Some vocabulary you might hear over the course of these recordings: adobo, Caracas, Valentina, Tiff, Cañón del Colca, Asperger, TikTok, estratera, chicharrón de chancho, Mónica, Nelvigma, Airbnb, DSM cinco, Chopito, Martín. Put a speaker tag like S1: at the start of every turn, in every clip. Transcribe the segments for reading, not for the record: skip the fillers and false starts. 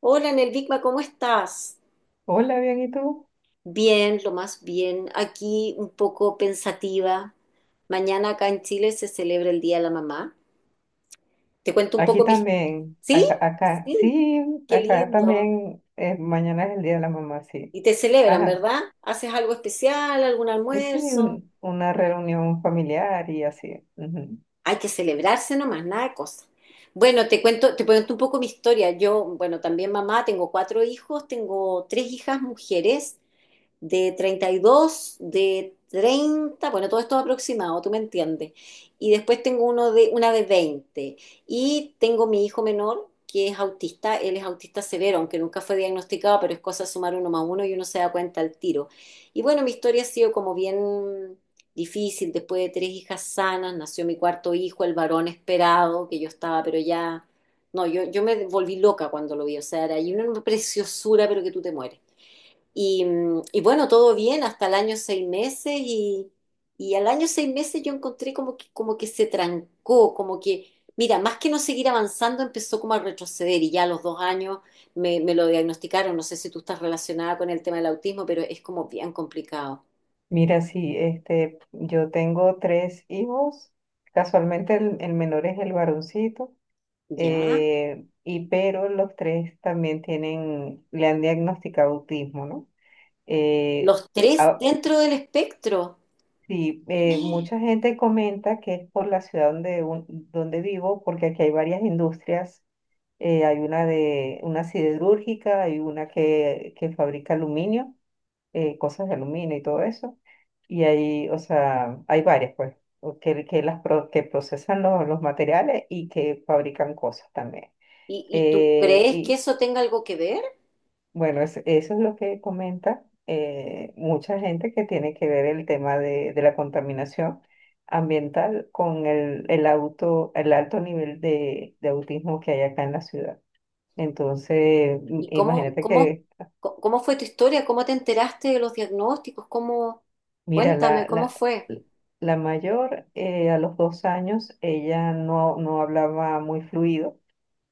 S1: Hola, Nelvigma, ¿cómo estás?
S2: Hola, bien, ¿y tú?
S1: Bien, lo más bien. Aquí un poco pensativa. Mañana acá en Chile se celebra el Día de la Mamá. Te cuento un
S2: Aquí
S1: poco mi.
S2: también,
S1: ¿Sí?
S2: acá,
S1: Sí,
S2: sí,
S1: qué
S2: acá
S1: lindo.
S2: también, mañana es el Día de la Mamá, sí.
S1: Y te celebran,
S2: Ajá,
S1: ¿verdad? ¿Haces algo especial, algún
S2: sí,
S1: almuerzo?
S2: una reunión familiar y así. Ujú.
S1: Hay que celebrarse nomás, nada de cosas. Bueno, te cuento un poco mi historia. Yo, bueno, también mamá, tengo cuatro hijos, tengo tres hijas mujeres de 32, de 30, bueno, todo esto aproximado, tú me entiendes. Y después tengo una de 20. Y tengo mi hijo menor, que es autista, él es autista severo, aunque nunca fue diagnosticado, pero es cosa de sumar uno más uno y uno se da cuenta al tiro. Y bueno, mi historia ha sido como bien difícil. Después de tres hijas sanas, nació mi cuarto hijo, el varón esperado, que yo estaba, pero ya, no, yo me volví loca cuando lo vi. O sea, era y una preciosura, pero que tú te mueres. Y bueno, todo bien hasta el año seis meses, y al año seis meses yo encontré como que se trancó, como que, mira, más que no seguir avanzando, empezó como a retroceder. Y ya a los 2 años me lo diagnosticaron. No sé si tú estás relacionada con el tema del autismo, pero es como bien complicado.
S2: Mira, sí, este, yo tengo tres hijos, casualmente el menor es el varoncito,
S1: ¿Ya?
S2: y pero los tres también tienen, le han diagnosticado autismo, ¿no? Eh,
S1: Los tres dentro del espectro.
S2: Sí,
S1: ¿Y,
S2: mucha gente comenta que es por la ciudad donde, donde vivo, porque aquí hay varias industrias. Hay una de una siderúrgica, hay una que fabrica aluminio, cosas de aluminio y todo eso. Y hay, o sea, hay varias, pues, o que las que procesan los materiales y que fabrican cosas también.
S1: y tú crees que
S2: Eh,
S1: eso tenga algo que ver?
S2: bueno, eso es lo que comenta mucha gente que tiene que ver el tema de la contaminación ambiental con el auto, el alto nivel de autismo que hay acá en la ciudad. Entonces,
S1: ¿Y cómo,
S2: imagínate
S1: cómo,
S2: que,
S1: co- cómo fue tu historia? ¿Cómo te enteraste de los diagnósticos? ¿Cómo?
S2: mira,
S1: Cuéntame,
S2: la,
S1: ¿cómo
S2: la,
S1: fue?
S2: la mayor a los 2 años, ella no hablaba muy fluido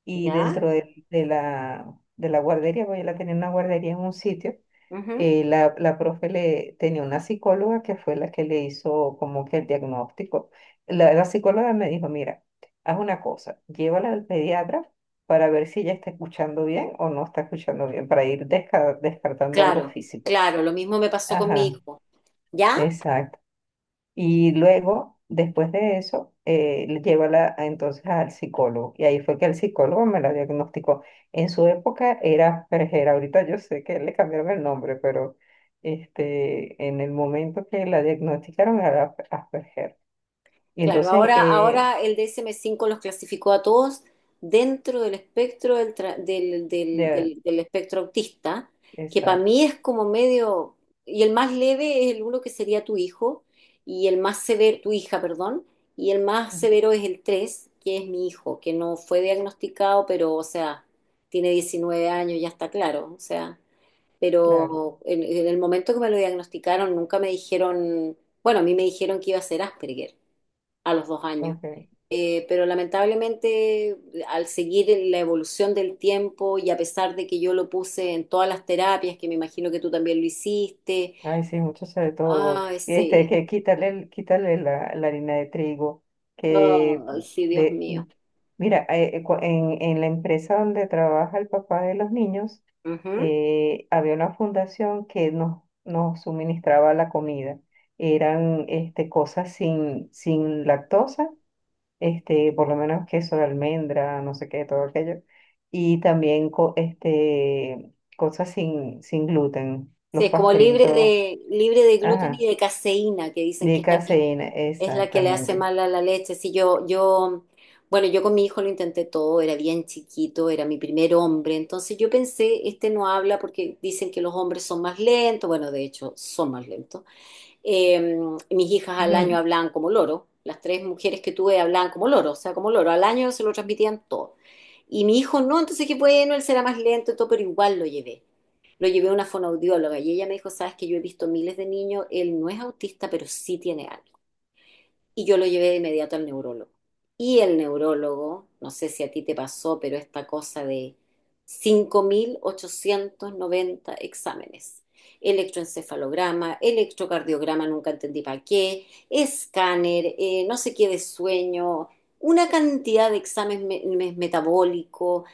S2: y
S1: ¿Ya?
S2: dentro de la guardería, porque ella la tenía en una guardería en un sitio
S1: Ujú.
S2: la profe tenía una psicóloga que fue la que le hizo como que el diagnóstico. La psicóloga me dijo, mira, haz una cosa, llévala al pediatra para ver si ella está escuchando bien o no está escuchando bien, para ir descartando algo
S1: Claro,
S2: físico.
S1: claro, lo mismo me pasó con mi
S2: Ajá,
S1: hijo. ¿Ya?
S2: exacto. Y luego, después de eso, llévala entonces al psicólogo. Y ahí fue que el psicólogo me la diagnosticó. En su época era Perjera, ahorita yo sé que le cambiaron el nombre, pero este, en el momento que la diagnosticaron era Asperger. Y
S1: Claro,
S2: entonces,
S1: ahora, ahora el DSM-5 los clasificó a todos dentro del, espectro del, tra- del, del-
S2: de-
S1: del- del espectro autista, que para
S2: exacto,
S1: mí es como medio. Y el más leve es el uno, que sería tu hijo, y el más severo, tu hija, perdón, y el más
S2: mm,
S1: severo es el 3, que es mi hijo, que no fue diagnosticado, pero, o sea, tiene 19 años, ya está claro. O sea,
S2: claro,
S1: pero en el momento que me lo diagnosticaron nunca me dijeron, bueno, a mí me dijeron que iba a ser Asperger a los 2 años.
S2: ok.
S1: Pero lamentablemente, al seguir la evolución del tiempo y a pesar de que yo lo puse en todas las terapias, que me imagino que tú también lo hiciste,
S2: Ay, sí, mucho sobre todo.
S1: ay,
S2: Y este,
S1: sí,
S2: que quítale quitarle la harina de trigo, que
S1: ay, sí, Dios
S2: de,
S1: mío.
S2: mira, en la empresa donde trabaja el papá de los niños,
S1: Ujú.
S2: había una fundación que nos suministraba la comida. Eran este, cosas sin lactosa, este, por lo menos queso de almendra, no sé qué, todo aquello. Y también este, cosas sin gluten,
S1: Sí,
S2: los
S1: es como libre
S2: pastelitos.
S1: de, libre de gluten y
S2: Ajá,
S1: de caseína, que dicen
S2: de
S1: que es la que,
S2: caseína,
S1: le hace
S2: exactamente.
S1: mal a la leche. Sí, bueno, yo con mi hijo lo intenté todo, era bien chiquito, era mi primer hombre, entonces yo pensé, este no habla porque dicen que los hombres son más lentos, bueno, de hecho, son más lentos. Eh, Mis hijas al año
S2: Ujú.
S1: hablaban como loro, las tres mujeres que tuve hablaban como loro, o sea, como loro, al año se lo transmitían todo. Y mi hijo no, entonces que bueno, él será más lento y todo, pero igual lo llevé. Lo llevé a una fonoaudióloga y ella me dijo, sabes que yo he visto miles de niños, él no es autista, pero sí tiene algo. Y yo lo llevé de inmediato al neurólogo. Y el neurólogo, no sé si a ti te pasó, pero esta cosa de 5.890 exámenes. Electroencefalograma, electrocardiograma, nunca entendí para qué, escáner, no sé qué de sueño, una cantidad de exámenes metabólicos.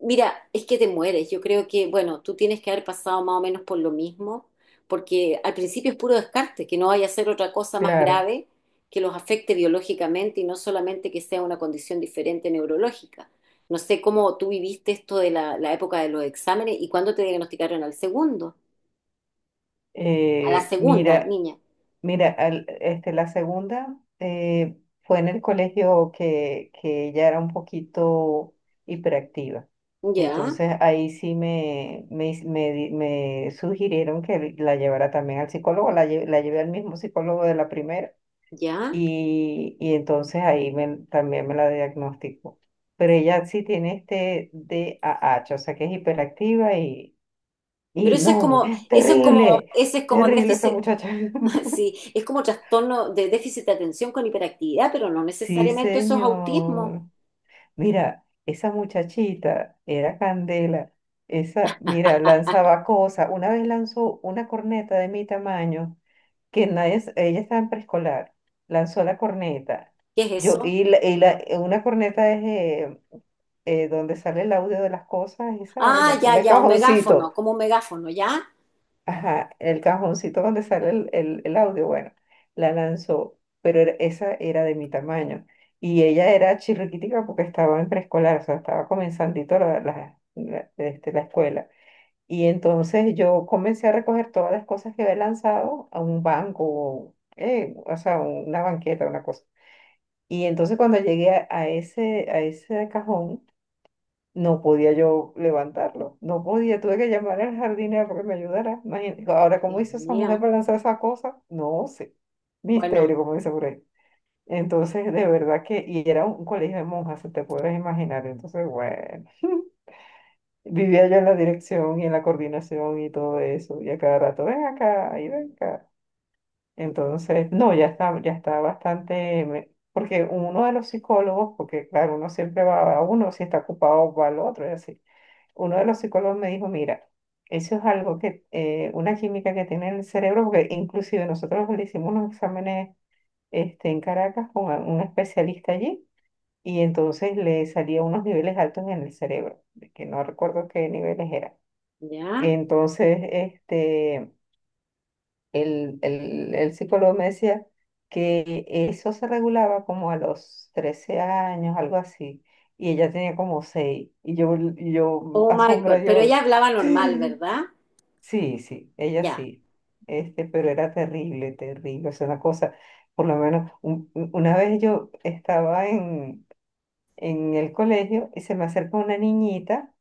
S1: Mira, es que te mueres. Yo creo que, bueno, tú tienes que haber pasado más o menos por lo mismo, porque al principio es puro descarte, que no vaya a ser otra cosa más
S2: Claro.
S1: grave que los afecte biológicamente y no solamente que sea una condición diferente neurológica. No sé cómo tú viviste esto de la época de los exámenes y cuándo te diagnosticaron al segundo, a la segunda,
S2: Mira,
S1: niña.
S2: mira, este, la segunda fue en el colegio que ella era un poquito hiperactiva.
S1: Ya,
S2: Entonces ahí sí me, hiz- me di- me sugirieron que la llevara también al psicólogo, la llevé al mismo psicólogo de la primera.
S1: ya.
S2: Y entonces ahí también me la diagnosticó. Pero ella sí tiene este DAH, o sea que es hiperactiva y,
S1: Pero
S2: y
S1: eso es
S2: no,
S1: como, eso es como,
S2: terrible,
S1: ese es como
S2: terrible esa
S1: déficit,
S2: muchacha.
S1: sí, es como trastorno de déficit de atención con hiperactividad, pero no
S2: Sí,
S1: necesariamente eso es autismo.
S2: señor. Mira, esa muchachita era candela. Esa, mira, lanzaba cosas. Una vez lanzó una corneta de mi tamaño, que nadie, ella estaba en preescolar. Lanzó la corneta.
S1: ¿Qué es
S2: Yo,
S1: eso?
S2: y la- una corneta es donde sale el audio de las cosas, Isabel,
S1: Ah, ya,
S2: el
S1: ya, un megáfono,
S2: cajoncito,
S1: como un megáfono, ¿ya?
S2: ajá, el cajoncito donde sale el audio, bueno, la lanzó, pero esa era de mi tamaño. Y ella era chirriquitica porque estaba en preescolar, o sea, estaba comenzandito este, la escuela. Y entonces yo comencé a recoger todas las cosas que había lanzado a un banco, o sea, una banqueta, una cosa. Y entonces cuando llegué a ese cajón, no podía yo levantarlo, no podía, tuve que llamar al jardinero para que me ayudara. Imagínate, ahora, ¿cómo
S1: Dios
S2: hizo esa mujer
S1: mío.
S2: para lanzar esa cosa? No sé,
S1: Bueno,
S2: misterio, como dice por ahí. Entonces, de verdad que, y era un colegio de monjas, se te puedes imaginar, entonces, bueno, vivía yo en la dirección y en la coordinación y todo eso, y a cada rato, ven acá, y ven acá. Entonces, no, ya está bastante, porque uno de los psicólogos, porque claro, uno siempre va a uno, si está ocupado va al otro, y así uno de los psicólogos me dijo, mira, eso es algo que, una química que tiene en el cerebro, porque inclusive nosotros le hicimos unos exámenes este, en Caracas con un especialista allí y entonces le salía unos niveles altos en el cerebro, de que no recuerdo qué niveles eran.
S1: ya.
S2: Entonces, este, el psicólogo me decía que eso se regulaba como a los 13 años, algo así, y ella tenía como 6 y yo
S1: Oh my God,
S2: asombra,
S1: pero
S2: yo...
S1: ella hablaba normal, ¿verdad?
S2: Sí, sí, ella
S1: Ya,
S2: sí. Este, pero era terrible, terrible. Es una cosa, por lo menos, una vez yo estaba en el colegio y se me acercó una niñita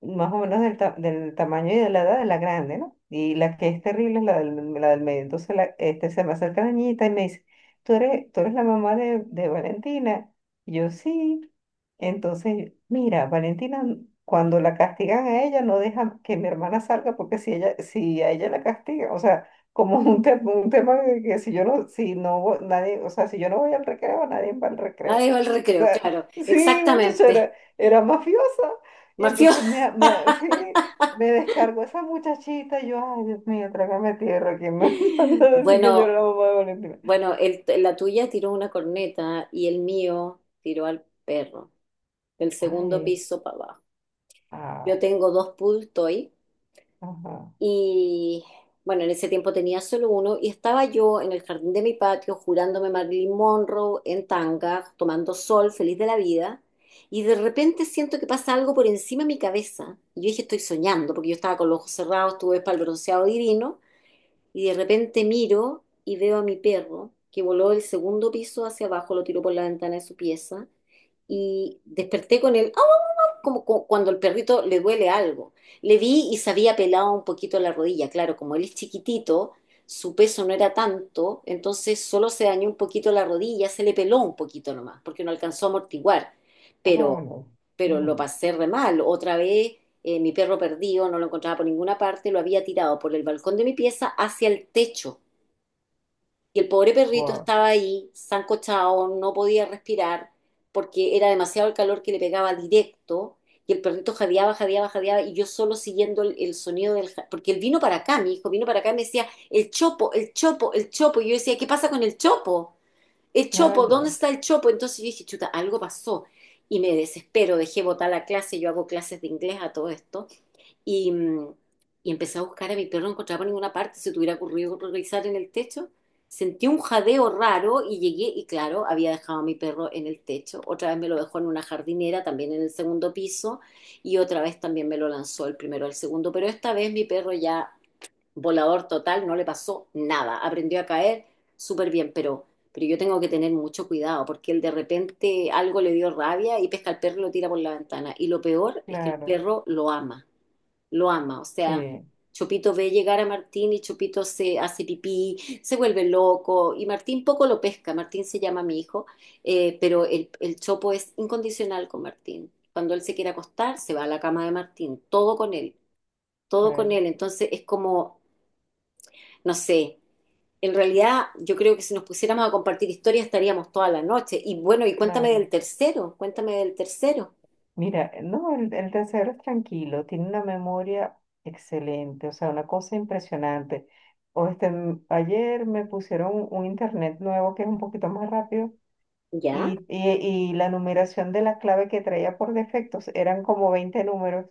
S2: más o menos del tamaño y de la edad de la grande, ¿no? Y la que es terrible es la del medio. Entonces este, se me acerca la niñita y me dice, ¿tú eres la mamá de Valentina? Y yo sí. Entonces, mira, Valentina, cuando la castigan a ella, no deja que mi hermana salga porque si a ella la castigan, o sea, como un tema de que si yo no, si no, vo- nadie, o sea, si yo no voy al recreo, nadie va al
S1: la
S2: recreo.
S1: dejó el recreo,
S2: sea,
S1: claro,
S2: Sí, muchacha,
S1: exactamente.
S2: era mafiosa. Y
S1: Mafioso.
S2: entonces sí, me descargo esa muchachita. Y yo, ay, Dios mío, trágame tierra. ¿Quién me manda a decir que yo era
S1: Bueno,
S2: la mamá de Valentina?
S1: bueno, la tuya tiró una corneta y el mío tiró al perro, del segundo
S2: Ay,
S1: piso para abajo. Yo
S2: ah,
S1: tengo dos pool toy.
S2: ajá,
S1: Y bueno, en ese tiempo tenía solo uno y estaba yo en el jardín de mi patio jurándome Marilyn Monroe en tanga, tomando sol, feliz de la vida. Y de repente siento que pasa algo por encima de mi cabeza. Y yo dije, estoy soñando, porque yo estaba con los ojos cerrados, estuve espalbroceado divino. Y de repente miro y veo a mi perro que voló del segundo piso hacia abajo. Lo tiró por la ventana de su pieza. Y desperté con él. ¡Oh! Como cuando el perrito le duele algo. Le vi y se había pelado un poquito la rodilla. Claro, como él es chiquitito, su peso no era tanto, entonces solo se dañó un poquito la rodilla, se le peló un poquito nomás, porque no alcanzó a amortiguar.
S2: ah,
S1: Pero,
S2: bueno.
S1: pero lo pasé re mal. Otra vez, mi perro perdido, no lo encontraba por ninguna parte, lo había tirado por el balcón de mi pieza hacia el techo. Y el pobre perrito
S2: Wow,
S1: estaba ahí, sancochado, no podía respirar porque era demasiado el calor que le pegaba directo. Y el perrito jadeaba, jadeaba, jadeaba. Y yo solo siguiendo el sonido del. Porque él vino para acá, mi hijo vino para acá y me decía: el chopo, el chopo, el chopo. Y yo decía: ¿Qué pasa con el chopo? El
S2: ya,
S1: chopo, ¿dónde
S2: ya,
S1: está el chopo? Entonces yo dije: chuta, algo pasó. Y me desespero, dejé botar la clase. Yo hago clases de inglés a todo esto. Y, mm, y empecé a buscar a mi perro, no encontraba por ninguna parte, se te hubiera ocurrido revisar en el techo. Sentí un jadeo raro y llegué, y claro, había dejado a mi perro en el techo. Otra vez me lo dejó en una jardinera, también en el segundo piso, y otra vez también me lo lanzó el primero al segundo. Pero esta vez mi perro ya volador total, no le pasó nada. Aprendió a caer súper bien, pero yo tengo que tener mucho cuidado porque él de repente algo le dio rabia y pesca al perro y lo tira por la ventana. Y lo peor es que el
S2: claro,
S1: perro lo ama, lo ama. O sea,
S2: sí,
S1: Chopito ve llegar a Martín y Chopito se hace pipí, se vuelve loco y Martín poco lo pesca. Martín se llama mi hijo, pero el Chopo es incondicional con Martín. Cuando él se quiere acostar, se va a la cama de Martín, todo con él, todo con
S2: claro,
S1: él. Entonces es como, no sé. En realidad, yo creo que si nos pusiéramos a compartir historias estaríamos toda la noche. Y bueno, y cuéntame
S2: claro.
S1: del tercero, cuéntame del tercero.
S2: Mira, no, el tercero es tranquilo, tiene una memoria excelente, o sea, una cosa impresionante. O este, ayer me pusieron un internet nuevo que es un poquito más rápido
S1: ¿Ya?
S2: y, y la numeración de la clave que traía por defectos eran como 20 números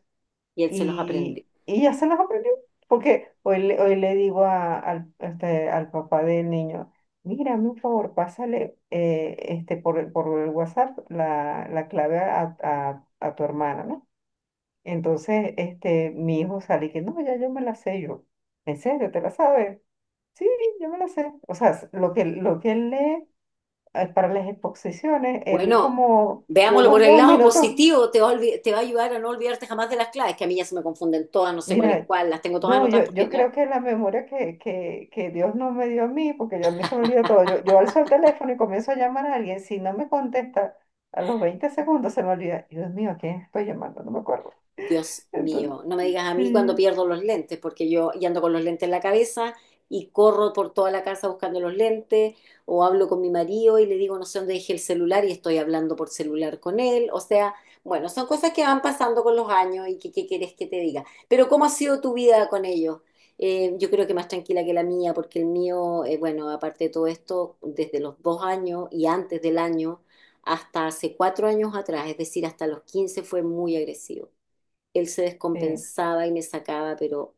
S1: Y él se los aprendió.
S2: y ya se los aprendió. Porque hoy le digo este, al papá del niño, mira, hazme un favor, pásale este, por el WhatsApp la clave a tu hermana, ¿no? Entonces, este, mi hijo sale que no, ya yo me la sé yo. ¿En serio? ¿Te la sabes? Sí, yo me la sé. O sea, lo que, él lee para las exposiciones, él
S1: Bueno,
S2: como
S1: veámoslo
S2: unos
S1: por el
S2: dos
S1: lado
S2: minutos,
S1: positivo, te va a ayudar a no olvidarte jamás de las claves, que a mí ya se me confunden todas, no sé cuál es
S2: mira,
S1: cuál, las tengo todas
S2: no,
S1: anotadas
S2: yo
S1: porque ya.
S2: creo que la memoria que Dios no me dio a mí, porque yo a mí se me olvida todo, yo alzo el teléfono y comienzo a llamar a alguien, si no me contesta, a los 20 segundos se me olvida, Dios mío, ¿a quién estoy llamando? No me acuerdo.
S1: Dios
S2: Entonces,
S1: mío, no me digas a mí cuando
S2: sí,
S1: pierdo los lentes, porque yo y ando con los lentes en la cabeza y corro por toda la casa buscando los lentes, o hablo con mi marido y le digo no sé dónde dejé el celular y estoy hablando por celular con él. O sea, bueno, son cosas que van pasando con los años y que qué quieres que te diga. Pero ¿cómo ha sido tu vida con ellos? Yo creo que más tranquila que la mía, porque el mío, bueno, aparte de todo esto, desde los 2 años y antes del año hasta hace 4 años atrás, es decir, hasta los 15 fue muy agresivo. Él se
S2: sí,
S1: descompensaba y me sacaba, pero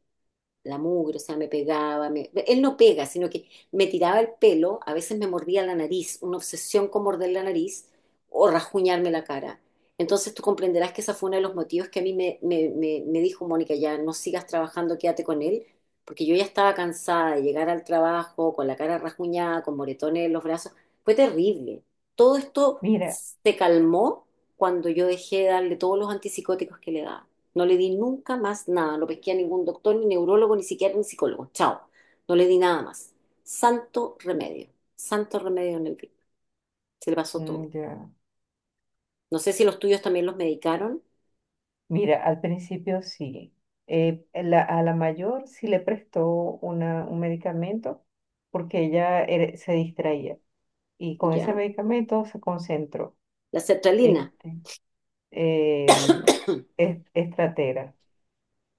S1: la mugre. O sea, me pegaba, él no pega, sino que me tiraba el pelo, a veces me mordía la nariz, una obsesión con morder la nariz o rajuñarme la cara. Entonces tú comprenderás que ese fue uno de los motivos que a mí me dijo Mónica, ya no sigas trabajando, quédate con él, porque yo ya estaba cansada de llegar al trabajo con la cara rajuñada, con moretones en los brazos, fue terrible. Todo esto
S2: mira,
S1: se calmó cuando yo dejé de darle todos los antipsicóticos que le daba. No le di nunca más nada. No pesqué a ningún doctor, ni neurólogo, ni siquiera ni psicólogo. Chao. No le di nada más. Santo remedio. Santo remedio en el día. Se le pasó todo.
S2: mm, ya.
S1: No sé si los tuyos también los medicaron.
S2: Mira, al principio sí. A la mayor sí le prestó un medicamento porque se distraía y con ese
S1: Ya.
S2: medicamento se concentró.
S1: La sertralina.
S2: Este, em, estratera,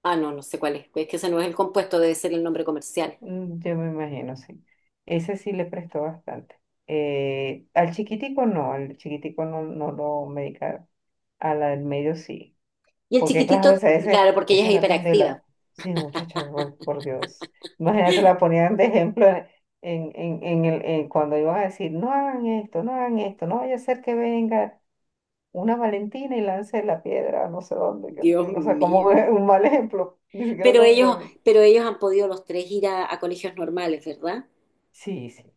S1: Ah, no, no sé cuál es. Es que ese no es el compuesto, debe ser el nombre comercial.
S2: mm, yo me imagino, sí. Ese sí le prestó bastante. Al chiquitico no, no lo medicaron. A la del medio sí.
S1: Y el
S2: Porque claro,
S1: chiquitito, claro, porque ella
S2: esa
S1: es
S2: era
S1: hiperactiva.
S2: Candela. Sí, muchacha, por Dios. Imagínate, la ponían de ejemplo en el, en cuando iban a decir, no hagan esto, no hagan esto, no vaya a ser que venga una Valentina y lance la piedra a no sé dónde. Que no
S1: Dios
S2: sé". O sea, como
S1: mío.
S2: es un mal ejemplo, ni siquiera
S1: Pero
S2: un
S1: ellos,
S2: buen...
S1: pero ellos han podido los tres ir a colegios normales, ¿verdad?
S2: Sí, sí,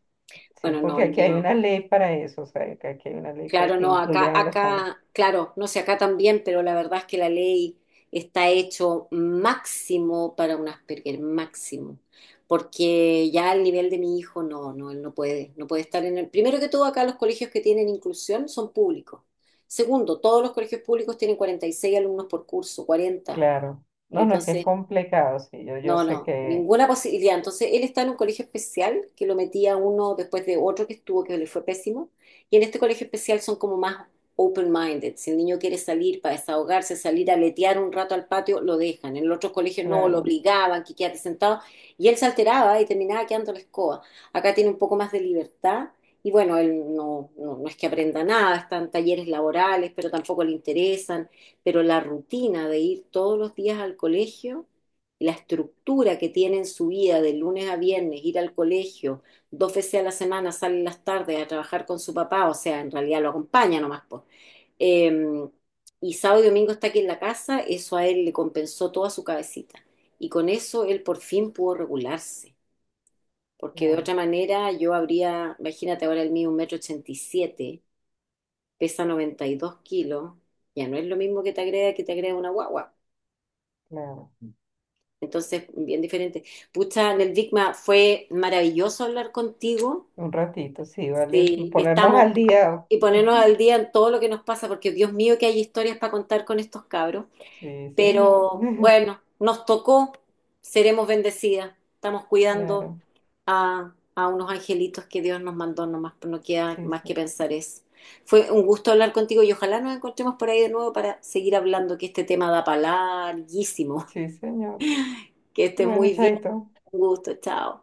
S2: sí,
S1: Bueno, no,
S2: porque
S1: el
S2: aquí hay
S1: mío.
S2: una ley para eso, o sea, que aquí hay una ley para
S1: Claro,
S2: que
S1: no, acá,
S2: incluyan a los chamos.
S1: acá, claro, no sé, acá también, pero la verdad es que la ley está hecho máximo para un Asperger, máximo. Porque ya al nivel de mi hijo, no, no, él no puede, no puede estar en el. Primero que todo, acá los colegios que tienen inclusión son públicos. Segundo, todos los colegios públicos tienen 46 alumnos por curso, 40.
S2: Claro. No, no, es que es
S1: Entonces,
S2: complicado, sí, yo
S1: no,
S2: sé
S1: no,
S2: que,
S1: ninguna posibilidad. Entonces, él está en un colegio especial que lo metía uno después de otro que estuvo, que le fue pésimo. Y en este colegio especial son como más open-minded. Si el niño quiere salir para desahogarse, salir a letear un rato al patio, lo dejan. En el otro colegio no, lo
S2: claro,
S1: obligaban, que quédate sentado. Y él se alteraba y terminaba quedando en la escoba. Acá tiene un poco más de libertad. Y bueno, él no, no, no es que aprenda nada, están talleres laborales, pero tampoco le interesan. Pero la rutina de ir todos los días al colegio, la estructura que tiene en su vida de lunes a viernes, ir al colegio, dos veces a la semana sale en las tardes a trabajar con su papá, o sea, en realidad lo acompaña nomás, pues. Eh, y sábado y domingo está aquí en la casa, eso a él le compensó toda su cabecita. Y con eso él por fin pudo regularse, porque de
S2: claro,
S1: otra manera yo habría, imagínate ahora el mío, 1,87 m, pesa 92 kilos, ya no es lo mismo que te agrega una guagua.
S2: claro.
S1: Entonces, bien diferente. Pucha, Neldikma, fue maravilloso hablar contigo.
S2: Un ratito, sí, vale.
S1: Sí,
S2: Ponernos
S1: estamos
S2: al día.
S1: y ponernos al día en todo lo que nos pasa, porque Dios mío que hay historias para contar con estos cabros.
S2: Sí, señor.
S1: Pero bueno, nos tocó, seremos bendecidas. Estamos cuidando
S2: Claro.
S1: a unos angelitos que Dios nos mandó nomás, pues no queda
S2: Sí,
S1: más
S2: sí.
S1: que pensar eso. Fue un gusto hablar contigo y ojalá nos encontremos por ahí de nuevo para seguir hablando, que este tema da para larguísimo.
S2: Sí, señor.
S1: Que estés
S2: Bueno,
S1: muy bien,
S2: chaito.
S1: un gusto, chao.